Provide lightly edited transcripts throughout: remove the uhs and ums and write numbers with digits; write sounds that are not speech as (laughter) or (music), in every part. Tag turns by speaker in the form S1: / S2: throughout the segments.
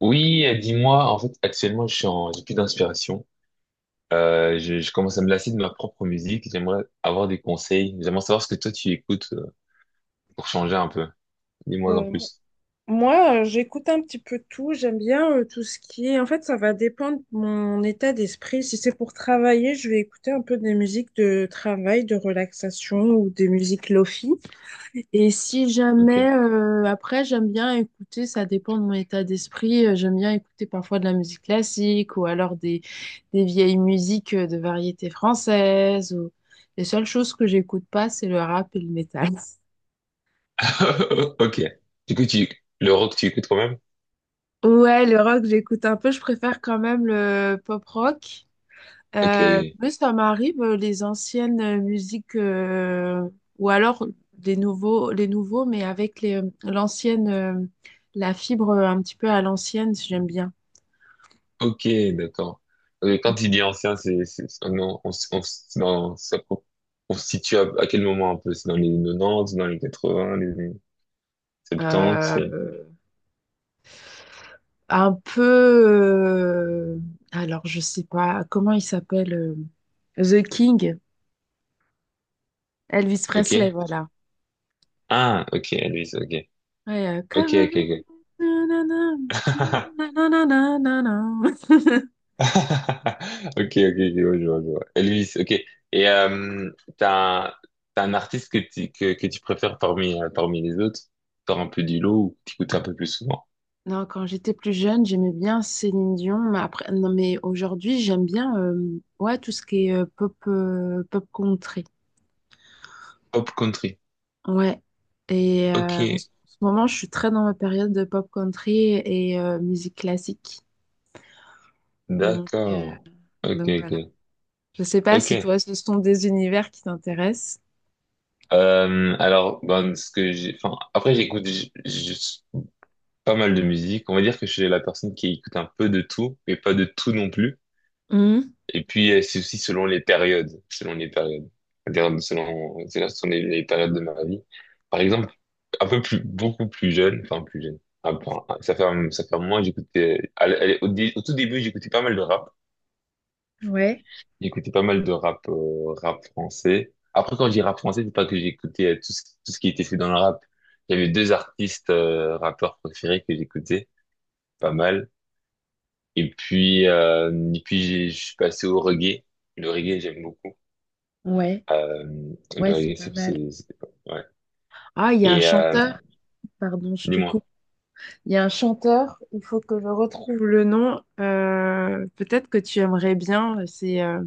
S1: Oui, dis-moi, en fait, actuellement, j'ai plus d'inspiration. Je commence à me lasser de ma propre musique. J'aimerais avoir des conseils. J'aimerais savoir ce que toi tu écoutes pour changer un peu. Dis-moi en
S2: Euh,
S1: plus.
S2: Moi, j'écoute un petit peu tout. J'aime bien tout ce qui est. En fait, ça va dépendre de mon état d'esprit. Si c'est pour travailler, je vais écouter un peu des musiques de travail, de relaxation ou des musiques lofi. Et si
S1: Ok.
S2: jamais, après, j'aime bien écouter, ça dépend de mon état d'esprit, j'aime bien écouter parfois de la musique classique ou alors des vieilles musiques de variété française. Ou. Les seules choses que j'écoute pas, c'est le rap et le métal. (laughs)
S1: (laughs) Ok. Du coup, le rock, tu écoutes quand même?
S2: Ouais, le rock, j'écoute un peu, je préfère quand même le pop rock.
S1: Ok, oui.
S2: Oui, ça m'arrive, les anciennes musiques, ou alors des nouveaux, les nouveaux, mais avec l'ancienne, la fibre un petit peu à l'ancienne, j'aime bien.
S1: Ok, d'accord. Quand tu dis ancien, c'est- on, s- c'est dans- ça co- on se situe à quel moment un peu? C'est dans les 90, dans les 80, les 70,
S2: Euh, un peu, alors je sais pas, comment il s'appelle, The King, Elvis
S1: ok?
S2: Presley, voilà.
S1: Ah, ok, Elvis, ok.
S2: Ouais,
S1: Ok,
S2: come
S1: ok, ok.
S2: on, na, na, na,
S1: (laughs)
S2: na, na, na, na, na, na.
S1: Ok, ok, ok, ouais, je vois. Elvis, ok. Et t'as un, t'as un artiste que tu préfères parmi, parmi les autres? Sors un peu du lot ou que tu écoutes un peu plus souvent?
S2: Non, quand j'étais plus jeune, j'aimais bien Céline Dion, mais après, non, mais aujourd'hui, j'aime bien ouais, tout ce qui est pop, pop country.
S1: Pop country.
S2: Ouais. Et
S1: Ok,
S2: en ce moment, je suis très dans ma période de pop country et musique classique. Donc, euh,
S1: d'accord. Ok,
S2: donc voilà.
S1: ok.
S2: Je sais pas
S1: Ok.
S2: si toi, ce sont des univers qui t'intéressent.
S1: Ben, ce que j'ai, enfin, après, j'écoute pas mal de musique. On va dire que je suis la personne qui écoute un peu de tout, mais pas de tout non plus.
S2: Mhm.
S1: Et puis, c'est aussi selon les périodes, c'est-à-dire selon les périodes de ma vie. Par exemple, un peu plus, beaucoup plus jeune, enfin plus jeune. Ah, bon, ça fait un moment, j'écoutais, à l- au, dé- au tout début, j'écoutais pas mal de rap.
S2: Ouais,
S1: J'écoutais pas mal de rap, rap français. Après, quand je dis rap français, c'est pas que j'écoutais tout ce qui était fait dans le rap. Il y avait deux artistes, rappeurs préférés que j'écoutais pas mal. Et puis, je suis passé au reggae. Le reggae, j'aime beaucoup.
S2: ouais,
S1: Euh,
S2: ouais,
S1: le
S2: c'est
S1: reggae,
S2: pas mal.
S1: ouais.
S2: Ah, il y a un
S1: Et
S2: chanteur, pardon, je te
S1: dis-moi,
S2: coupe. Il y a un chanteur, il faut que je retrouve le nom. Peut-être que tu aimerais bien. C'est, euh,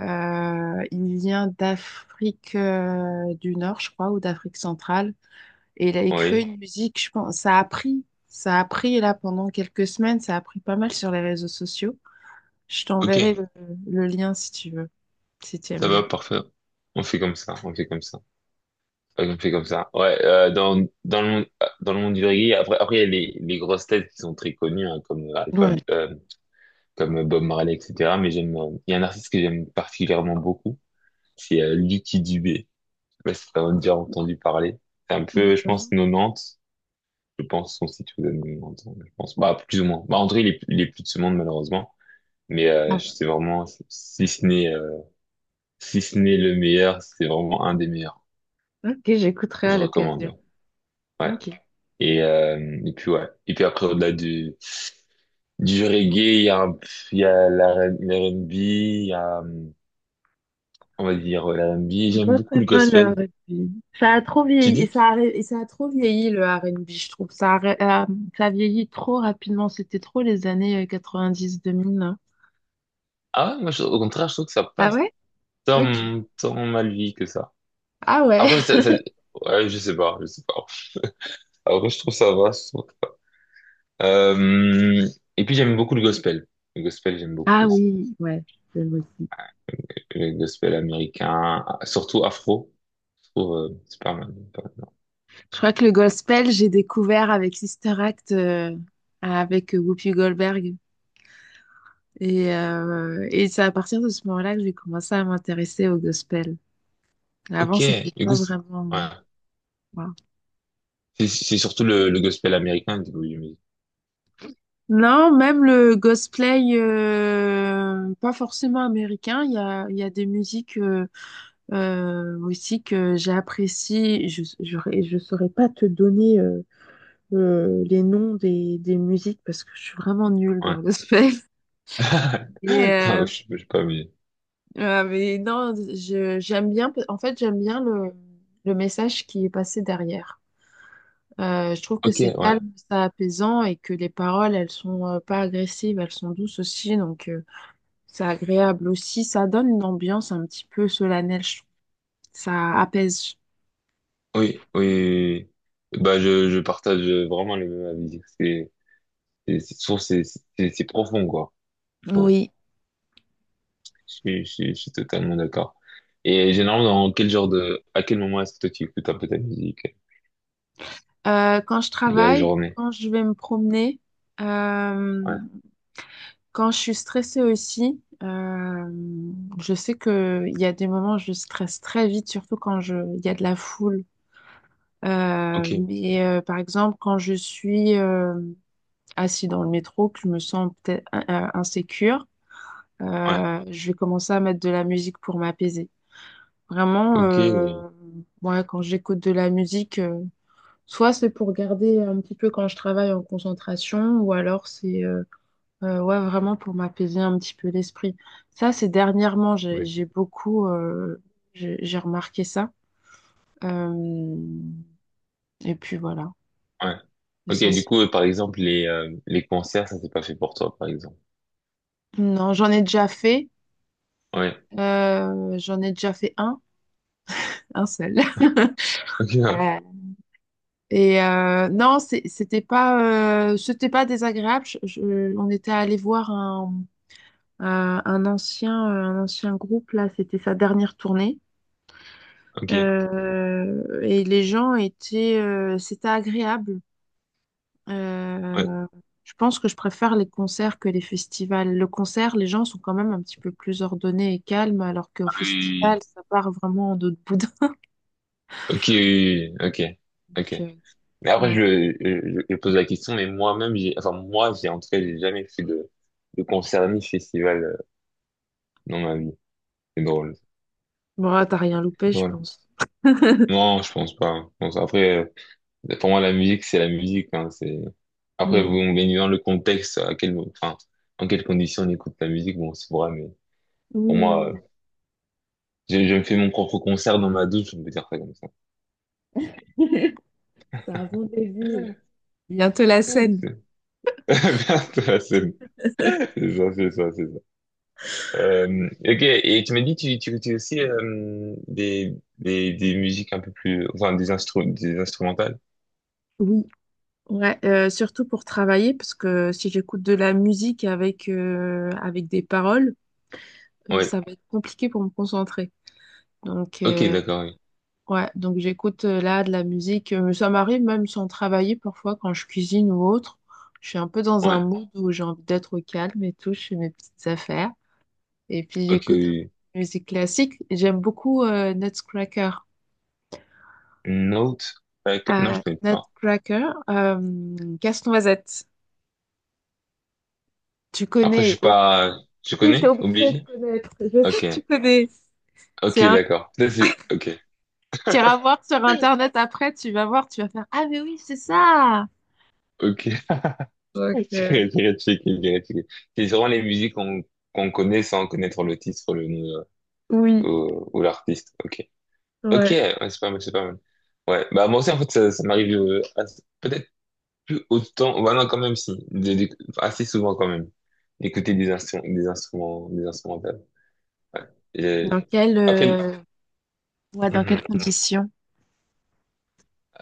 S2: euh, Il vient d'Afrique du Nord, je crois, ou d'Afrique centrale. Et il a écrit
S1: oui,
S2: une musique, je pense. Ça a pris là pendant quelques semaines. Ça a pris pas mal sur les réseaux sociaux. Je
S1: ok,
S2: t'enverrai le lien si tu veux, si tu aimes
S1: ça va,
S2: bien.
S1: parfait. On fait comme ça, on fait comme ça. Ouais, on fait comme ça. Ouais, dans le monde du reggae, après, il y a les grosses têtes qui sont très connues, hein, comme Alpha,
S2: Ouais.
S1: euh, comme Bob Marley, etc. Mais j'aime, il y a un artiste que j'aime particulièrement beaucoup, c'est Lucky Dubé. Je sais pas si t'as déjà entendu parler. C'est un peu, je pense,
S2: Non.
S1: 90. Je pense, son site vous donne 90, je pense. Bah, plus ou moins. Bah, en tout cas, il est plus de ce monde, malheureusement. Mais
S2: Ah,
S1: c'est vraiment, si ce n'est le meilleur, c'est vraiment un des meilleurs.
S2: ok, j'écouterai à
S1: Je
S2: l'occasion.
S1: recommande. Ouais.
S2: Ok.
S1: Et puis ouais. Et puis après, du reggae, il y a l'R&B, il y a, l'R&B.
S2: Je suis
S1: J'aime
S2: pas
S1: beaucoup
S2: très
S1: le
S2: fan de
S1: gospel.
S2: R&B. Ça a trop
S1: Tu
S2: vieilli et
S1: dis?
S2: ça a, et ça a trop vieilli le R&B, je trouve. Ça a vieilli trop rapidement. C'était trop les années 90-2000.
S1: Ah ouais, au contraire, je trouve que ça
S2: Ah
S1: passe
S2: ouais? Ok.
S1: tant, tant mal vie que ça.
S2: Ah ouais.
S1: Après, ça,
S2: (laughs)
S1: ça- ouais, je sais pas. Après, je trouve que ça va. Euh, j'aime beaucoup le gospel. Le gospel, j'aime beaucoup
S2: Ah
S1: aussi.
S2: oui, ouais. Je j'aime aussi.
S1: Que les gospels américains, surtout afro. Je trouve, c'est pas mal. Pas mal. Non.
S2: Je crois que le gospel, j'ai découvert avec Sister Act, avec Whoopi Goldberg. Et c'est à partir de ce moment-là que j'ai commencé à m'intéresser au gospel. Avant,
S1: Ok,
S2: c'était
S1: le
S2: pas
S1: gos-
S2: vraiment.
S1: ouais. C'est surtout le gospel américain, du coup, j'imagine.
S2: Non, même le cosplay, pas forcément américain, il y a des musiques aussi que j'apprécie. Je saurais pas te donner les noms des musiques parce que je suis vraiment nulle dans
S1: Ouais.
S2: le cosplay. (laughs)
S1: (laughs)
S2: Et, euh,
S1: Non, je sais pas, mais...
S2: mais non, j'aime bien, en fait, j'aime bien le message qui est passé derrière. Je trouve que
S1: Ok,
S2: c'est
S1: ouais. Oui,
S2: calme, c'est apaisant et que les paroles, elles sont pas agressives, elles sont douces aussi. C'est agréable aussi, ça donne une ambiance un petit peu solennelle, je trouve. Ça apaise.
S1: oui, oui, oui. Bah, je partage vraiment les mêmes avis. Je trouve que c'est profond, quoi. Bon,
S2: Oui.
S1: je suis totalement d'accord. Et généralement, dans quel genre de, à quel moment est-ce que toi tu écoutes un peu ta musique
S2: Quand je
S1: de la
S2: travaille,
S1: journée?
S2: quand je vais me promener, euh,
S1: Ouais.
S2: quand je suis stressée aussi, je sais que il y a des moments où je stresse très vite, surtout il y a de la foule.
S1: Ok,
S2: Par exemple, quand je suis assis dans le métro, que je me sens peut-être insécure,
S1: ouais,
S2: je vais commencer à mettre de la musique pour m'apaiser. Vraiment,
S1: ok.
S2: ouais, quand j'écoute de la musique, soit c'est pour garder un petit peu quand je travaille en concentration, ou alors c'est, ouais, vraiment pour m'apaiser un petit peu l'esprit. Ça, c'est dernièrement, j'ai,
S1: Ouais.
S2: j'ai beaucoup, j'ai remarqué ça. Euh, et puis voilà,
S1: Ouais. Ok, du
S2: l'essentiel.
S1: coup, par exemple, les concerts, ça c'est pas fait pour toi, par exemple.
S2: Non, j'en ai déjà fait.
S1: Ouais.
S2: J'en ai déjà fait un seul.
S1: (laughs)
S2: (laughs) Et non, c'était pas désagréable. On était allé voir un ancien groupe là. C'était sa dernière tournée.
S1: Ok, ouais. Ok.
S2: Et les gens étaient, c'était agréable.
S1: Ouais.
S2: Euh, je pense que je préfère les concerts que les festivals. Le concert, les gens sont quand même un petit peu plus ordonnés et calmes, alors qu'au
S1: Ah
S2: festival,
S1: oui.
S2: ça part vraiment en d'autres boudin.
S1: Ok, oui, oui, ok, ok.
S2: Donc, euh,
S1: Mais après,
S2: (laughs) ouais.
S1: je pose la question, mais moi-même, j'ai, en tout cas, j'ai jamais fait de concert ni festival dans ma vie. C'est drôle,
S2: Bon, t'as rien
S1: c'est
S2: loupé, je
S1: drôle.
S2: pense. (laughs)
S1: Non, je pense pas, hein. Après, pour moi, la musique, c'est la musique, hein, c'est, après,
S2: Mm.
S1: bon, bien évidemment, le contexte, à quel, enfin, en quelles conditions on écoute la musique, bon, c'est vrai, mais pour
S2: Oui,
S1: moi, je me fais mon propre concert dans ma douche, on peut dire ça comme ça. (laughs) C'est ça, c'est ça, c'est ça, c'est ça. Ok, et tu m'as dit, tu écoutais aussi des musiques un peu plus, des instrumentales.
S2: oui, oui. Ouais, surtout pour travailler, parce que si j'écoute de la musique avec des paroles,
S1: Ouais,
S2: ça va être compliqué pour me concentrer. Donc,
S1: ok, d'accord, oui.
S2: ouais, j'écoute là de la musique. Ça m'arrive même sans travailler parfois quand je cuisine ou autre. Je suis un peu dans un
S1: Ouais,
S2: mood où j'ai envie d'être au calme et tout, je fais mes petites affaires. Et puis
S1: ok,
S2: j'écoute un peu
S1: oui,
S2: de musique classique. J'aime beaucoup Nutcracker.
S1: oui. Note, ouais, non, je connais pas.
S2: Nutcracker, Casse-Noisette. Tu
S1: Après, je suis
S2: connais,
S1: pas, je
S2: Si, t'es
S1: connais,
S2: obligé de
S1: obligé?
S2: connaître. Je sais
S1: Ok,
S2: que tu connais. C'est
S1: ok,
S2: un
S1: d'accord. Ok,
S2: petit voir sur Internet après, tu vas voir, tu vas faire: ah, mais oui, c'est ça!
S1: ok.
S2: Donc,
S1: (laughs)
S2: euh,
S1: C'est Grétchik. C'est sûrement les musiques qu'on connaît sans connaître le titre, le nom
S2: oui,
S1: ou l'artiste. Ok. Ok,
S2: ouais.
S1: ouais, c'est pas mal, c'est pas mal. Ouais, bah moi aussi en fait ça m'arrive peut-être plus autant, bah non quand même si, assez souvent quand même, d'écouter des instrumentales. Ouais. Et
S2: Dans quelle,
S1: après,
S2: euh, ouais, dans quelles
S1: mhm.
S2: conditions?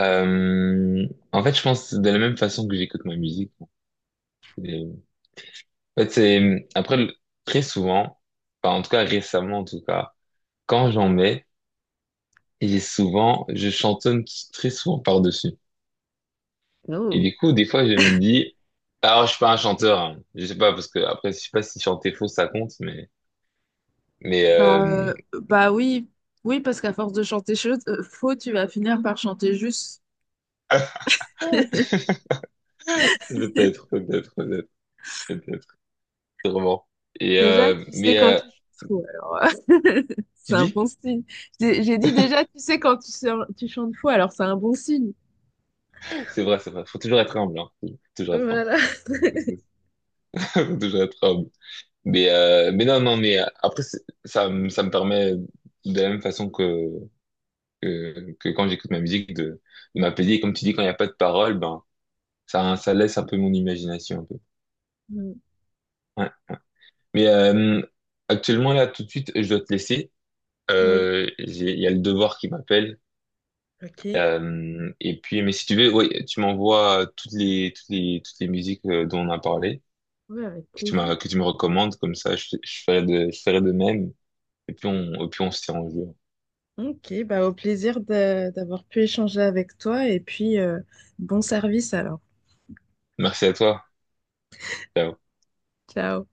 S1: Euh, en fait je pense de la même façon que j'écoute ma musique. Et, en fait très souvent, enfin en tout cas récemment en tout cas. Quand j'en mets, je chantonne très souvent par-dessus. Et du coup, des fois, je me dis, alors je suis pas un chanteur, hein. Je sais pas, parce que après, je sais pas si chanter faux, ça compte, mais, mais, euh...
S2: Juste,
S1: (laughs) peut-être,
S2: (laughs)
S1: peut-être, peut-être, peut-être, sûrement. Et,
S2: déjà, tu sais quand tu chantes fou, alors, euh, (laughs) c'est
S1: tu
S2: un
S1: dis?
S2: bon signe. J'ai dit déjà, tu sais quand tu chantes fou, alors c'est un bon signe.
S1: C'est vrai, c'est vrai. Faut toujours être humble, hein. Faut toujours être
S2: Voilà.
S1: humble. (laughs) Faut toujours être humble. Mais non, non, mais après, c'est- ça me permet de la même façon que quand j'écoute ma musique de m'apaiser. Et comme tu dis, quand il n'y a pas de parole, ben, ça laisse un peu mon imagination un peu.
S2: Mm.
S1: Ouais. Mais actuellement, là, tout de suite, je dois te laisser.
S2: Oui,
S1: Il y a le devoir qui m'appelle.
S2: ok.
S1: Et puis, mais si tu veux, ouais, tu m'envoies toutes les musiques dont on a parlé,
S2: Ouais, avec plaisir.
S1: que tu me recommandes, comme ça, je ferai je ferai de même. Et puis on se tient au jeu.
S2: Ok, bah au plaisir d'avoir pu échanger avec toi et puis bon service alors.
S1: Merci à toi. Ciao.
S2: Ciao.